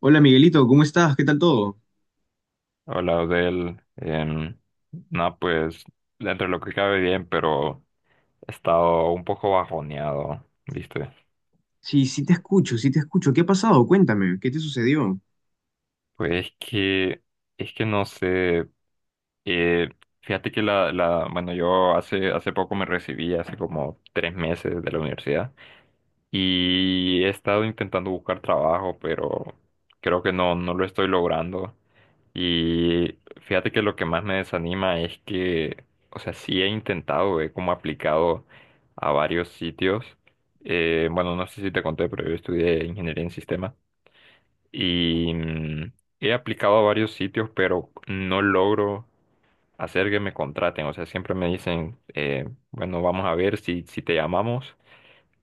Hola Miguelito, ¿cómo estás? ¿Qué tal todo? Hola, Odel. No, pues dentro de lo que cabe bien, pero he estado un poco bajoneado, ¿viste? Sí, sí te escucho, sí te escucho. ¿Qué ha pasado? Cuéntame, ¿qué te sucedió? Pues es que no sé. eh, Fíjate que bueno, yo hace poco me recibí, hace como tres meses de la universidad, y he estado intentando buscar trabajo, pero creo que no lo estoy logrando. Y fíjate que lo que más me desanima es que, o sea, sí he intentado, he como aplicado a varios sitios. Bueno, no sé si te conté, pero yo estudié ingeniería en sistemas y he aplicado a varios sitios, pero no logro hacer que me contraten. O sea, siempre me dicen, bueno, vamos a ver si te llamamos,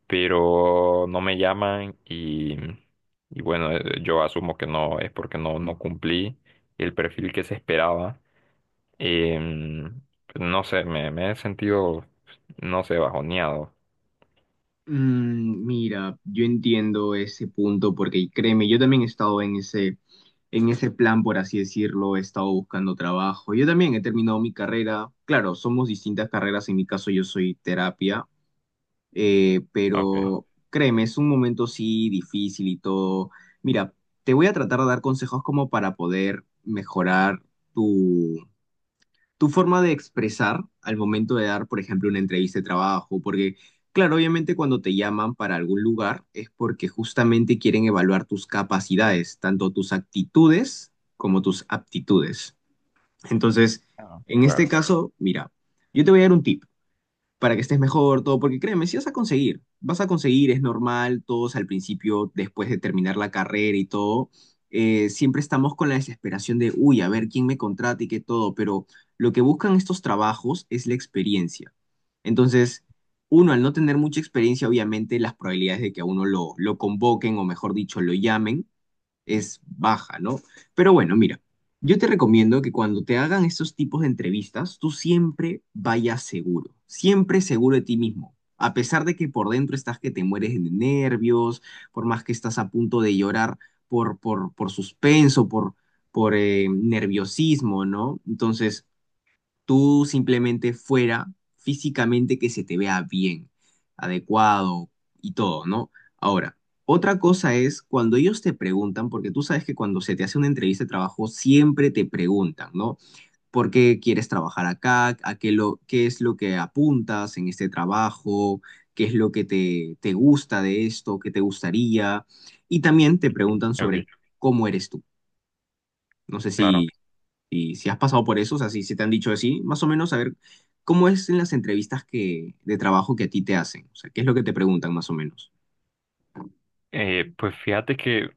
pero no me llaman y bueno, yo asumo que no es porque no cumplí el perfil que se esperaba. Em, pues, no sé, me he sentido, pues, no sé, bajoneado. Mira, yo entiendo ese punto porque créeme, yo también he estado en ese plan, por así decirlo, he estado buscando trabajo. Yo también he terminado mi carrera. Claro, somos distintas carreras, en mi caso yo soy terapia, Ok. pero créeme, es un momento sí difícil y todo. Mira, te voy a tratar de dar consejos como para poder mejorar tu forma de expresar al momento de dar, por ejemplo, una entrevista de trabajo, porque, claro, obviamente cuando te llaman para algún lugar es porque justamente quieren evaluar tus capacidades, tanto tus actitudes como tus aptitudes. Entonces, Ah, en este claro. caso, mira, yo te voy a dar un tip para que estés mejor, todo, porque créeme, si vas a conseguir, vas a conseguir, es normal, todos al principio, después de terminar la carrera y todo, siempre estamos con la desesperación de, uy, a ver quién me contrata y qué todo, pero lo que buscan estos trabajos es la experiencia. Entonces, uno, al no tener mucha experiencia, obviamente las probabilidades de que a uno lo convoquen o mejor dicho, lo llamen es baja, ¿no? Pero bueno, mira, yo te recomiendo que cuando te hagan estos tipos de entrevistas, tú siempre vayas seguro, siempre seguro de ti mismo. A pesar de que por dentro estás que te mueres de nervios, por más que estás a punto de llorar por suspenso, por nerviosismo, ¿no? Entonces, tú simplemente fuera físicamente que se te vea bien, adecuado y todo, ¿no? Ahora, otra cosa es cuando ellos te preguntan, porque tú sabes que cuando se te hace una entrevista de trabajo siempre te preguntan, ¿no? ¿Por qué quieres trabajar acá? ¿Qué es lo que apuntas en este trabajo? ¿Qué es lo que te gusta de esto? ¿Qué te gustaría? Y también te preguntan Ok, sobre cómo eres tú. No sé si claro. y si has pasado por eso, o sea, si te han dicho así, más o menos saber cómo es en las entrevistas de trabajo que a ti te hacen. O sea, qué es lo que te preguntan más o menos. Pues fíjate que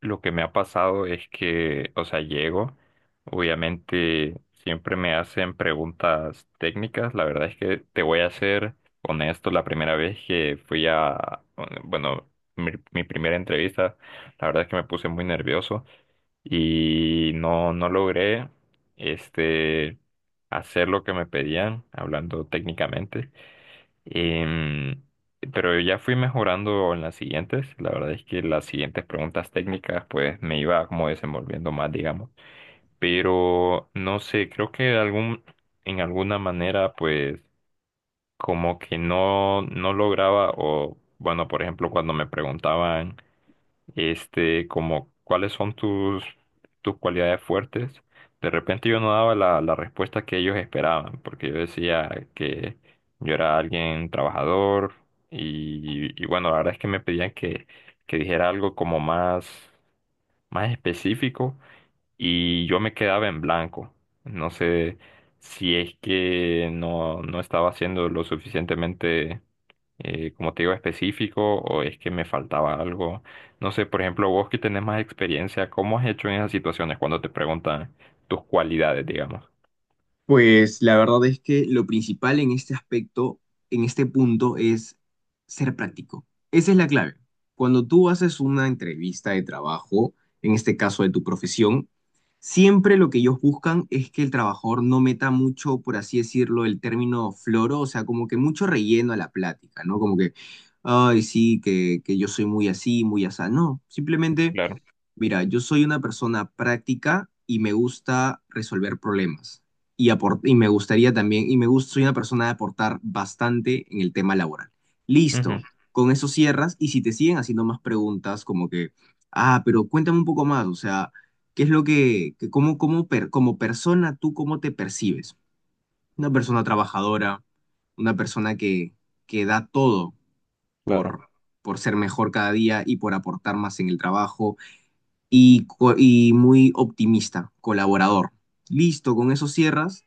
lo que me ha pasado es que, o sea, llego, obviamente siempre me hacen preguntas técnicas, la verdad es que te voy a ser honesto, la primera vez que fui a, bueno, mi primera entrevista, la verdad es que me puse muy nervioso y no logré, este, hacer lo que me pedían, hablando técnicamente. Em, pero ya fui mejorando en las siguientes. La verdad es que las siguientes preguntas técnicas pues me iba como desenvolviendo más, digamos. Pero no sé, creo que en alguna manera pues como que no lograba o bueno, por ejemplo, cuando me preguntaban este, como cuáles son tus cualidades fuertes. De repente yo no daba la respuesta que ellos esperaban, porque yo decía que yo era alguien trabajador y bueno, la verdad es que me pedían que dijera algo como más, más específico y yo me quedaba en blanco. No sé si es que no estaba siendo lo suficientemente como te digo, específico o es que me faltaba algo. No sé, por ejemplo, vos que tenés más experiencia, ¿cómo has hecho en esas situaciones cuando te preguntan tus cualidades, digamos? Pues la verdad es que lo principal en este aspecto, en este punto, es ser práctico. Esa es la clave. Cuando tú haces una entrevista de trabajo, en este caso de tu profesión, siempre lo que ellos buscan es que el trabajador no meta mucho, por así decirlo, el término floro, o sea, como que mucho relleno a la plática, ¿no? Como que, ay, sí, que yo soy muy así, muy asá. No, simplemente. Claro. Mira, yo soy una persona práctica y me gusta resolver problemas. Y me gustaría también, y me gusta, soy una persona de aportar bastante en el tema laboral. Listo, Ujú, con eso cierras. Y si te siguen haciendo más preguntas, como que, ah, pero cuéntame un poco más, o sea, ¿qué es lo que, como persona tú cómo te percibes? Una persona trabajadora, una persona que da todo claro, por, por ser mejor cada día y por aportar más en el trabajo y muy optimista, colaborador. Listo, con eso cierras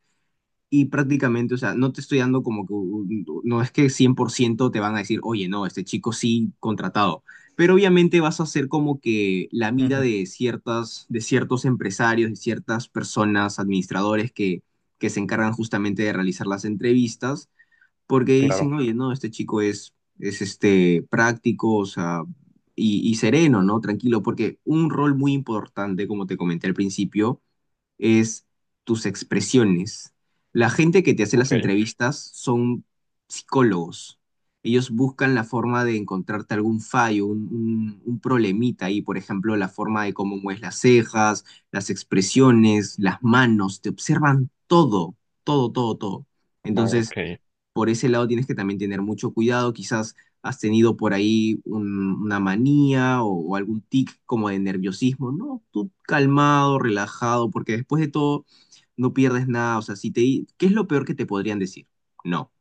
y prácticamente, o sea, no te estoy dando como que, no es que 100% te van a decir, oye, no, este chico sí contratado, pero obviamente vas a ser como que la mira ujú, de ciertas, de ciertos empresarios, de ciertas personas, administradores que se encargan justamente de realizar las entrevistas porque dicen, claro. oye, no, este chico es, este, práctico, o sea, y sereno, ¿no? Tranquilo, porque un rol muy importante, como te comenté al principio, es tus expresiones. La gente que te hace las Ok, entrevistas son psicólogos. Ellos buscan la forma de encontrarte algún fallo, un problemita ahí, por ejemplo, la forma de cómo mueves las cejas, las expresiones, las manos, te observan todo, todo, todo, todo. Entonces, ok. por ese lado tienes que también tener mucho cuidado. Quizás has tenido por ahí una manía o algún tic como de nerviosismo, ¿no? Tú calmado, relajado, porque después de todo no pierdes nada. O sea, si te, di- ¿qué es lo peor que te podrían decir? No.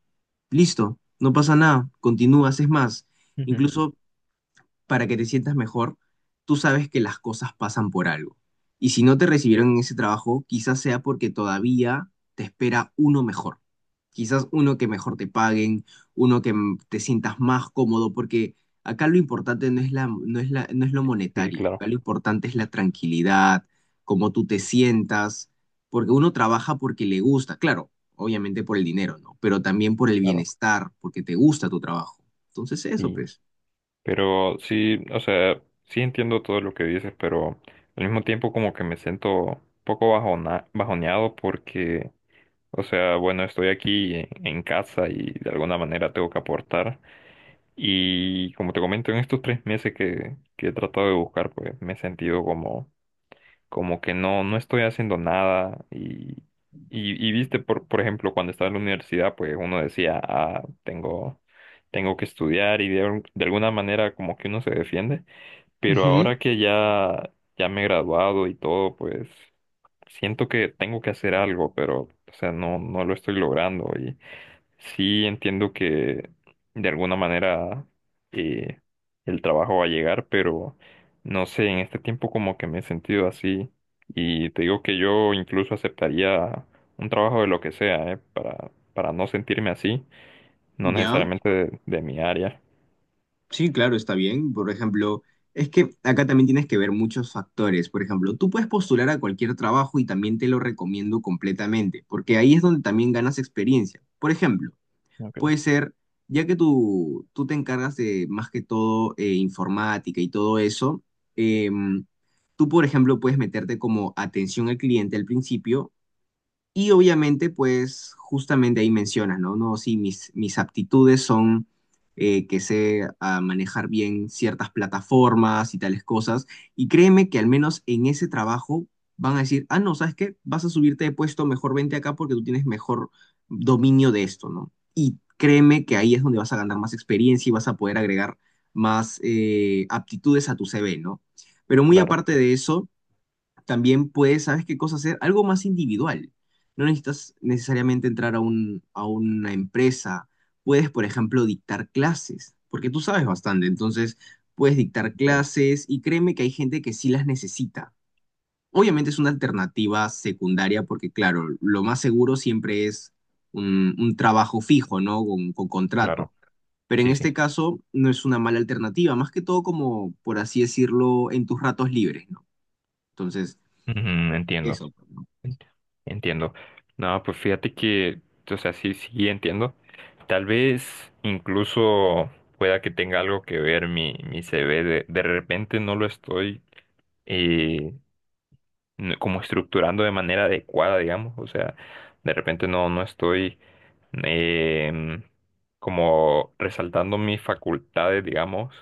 Listo, no pasa nada, continúas, es más. Ujú. Incluso para que te sientas mejor, tú sabes que las cosas pasan por algo. Y si no te recibieron en Sí, ese trabajo, quizás sea porque todavía te espera uno mejor. Quizás uno que mejor te paguen, uno que te sientas más cómodo, porque acá lo importante no es lo sí, monetario, acá claro, lo importante es la tranquilidad, cómo tú te sientas, porque uno trabaja porque le gusta, claro, obviamente por el dinero, ¿no? Pero también por el claro. bienestar, porque te gusta tu trabajo. Entonces eso, Sí. pues. Pero sí, o sea, sí entiendo todo lo que dices, pero al mismo tiempo como que me siento un poco bajoneado porque, o sea, bueno, estoy aquí en casa y de alguna manera tengo que aportar. Y como te comento, en estos tres meses que he tratado de buscar, pues me he sentido como, como que no estoy haciendo nada. Y viste, por ejemplo, cuando estaba en la universidad, pues uno decía, ah, tengo, tengo que estudiar y de alguna manera como que uno se defiende. Pero Ujú. ahora que ya, ya me he graduado y todo, pues siento que tengo que hacer algo, pero, o sea, no lo estoy logrando. Sí, entiendo que de alguna manera eh, el trabajo va a llegar, pero no sé, en este tiempo como que me he sentido así y te digo que yo incluso aceptaría un trabajo de lo que sea, para no sentirme así, no Ya, necesariamente de mi área. sí, claro, está bien. Por ejemplo, es que acá también tienes que ver muchos factores. Por ejemplo, tú puedes postular a cualquier trabajo y también te lo recomiendo completamente, porque ahí es donde también ganas experiencia. Por ejemplo, Ok, puede ser, ya que tú te encargas de más que todo informática y todo eso, em, tú, por ejemplo, puedes meterte como atención al cliente al principio. Y obviamente, pues justamente ahí mencionas, ¿no? No, sí, mis aptitudes son que sé manejar bien ciertas plataformas y tales cosas. Y créeme que al menos en ese trabajo van a decir, ah, no, ¿sabes qué? Vas a subirte de puesto, mejor vente acá porque tú tienes mejor dominio de esto, ¿no? Y créeme que ahí es donde vas a ganar más experiencia y vas a poder agregar más aptitudes a tu CV, ¿no? Pero muy claro, aparte de eso también puedes, ¿sabes qué cosa hacer? Algo más individual. No necesitas necesariamente entrar a un, a una empresa. Puedes, por ejemplo, dictar clases, porque tú sabes bastante. Entonces, puedes dictar entiendo, clases y créeme que hay gente que sí las necesita. Obviamente es una alternativa secundaria porque, claro, lo más seguro siempre es un trabajo fijo, ¿no? Con contrato. claro. Pero en Sí, sí. este caso no es una mala alternativa, más que todo como, por así decirlo, en tus ratos libres, ¿no? Entonces, Ujú, entiendo. eso. Entiendo. No, pues fíjate que, o sea, sí, sí entiendo. Tal vez incluso pueda que tenga algo que ver mi CV. De repente no lo estoy eh, como estructurando de manera adecuada, digamos. O sea, de repente no estoy em, como resaltando mis facultades, digamos,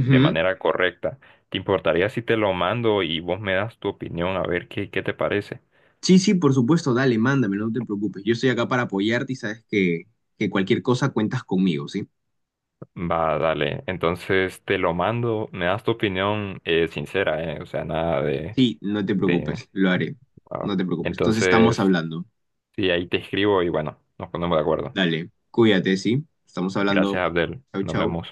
de manera correcta. ¿Te importaría si te lo mando y vos me das tu opinión a ver qué, qué te parece? Sí, sí, por supuesto, dale, mándamelo, no te preocupes. Yo estoy acá para apoyarte y sabes que cualquier cosa cuentas conmigo, ¿sí? Va, dale. Entonces te lo mando. Me das tu opinión sincera, ¿eh? O sea, nada de, Sí, no te de... preocupes, lo haré. ah. No te preocupes. Entonces estamos Entonces, hablando. sí, ahí te escribo y bueno, nos ponemos de acuerdo. Dale, cuídate, ¿sí? Estamos Gracias, hablando. Abdel. Chau, Nos chau. vemos.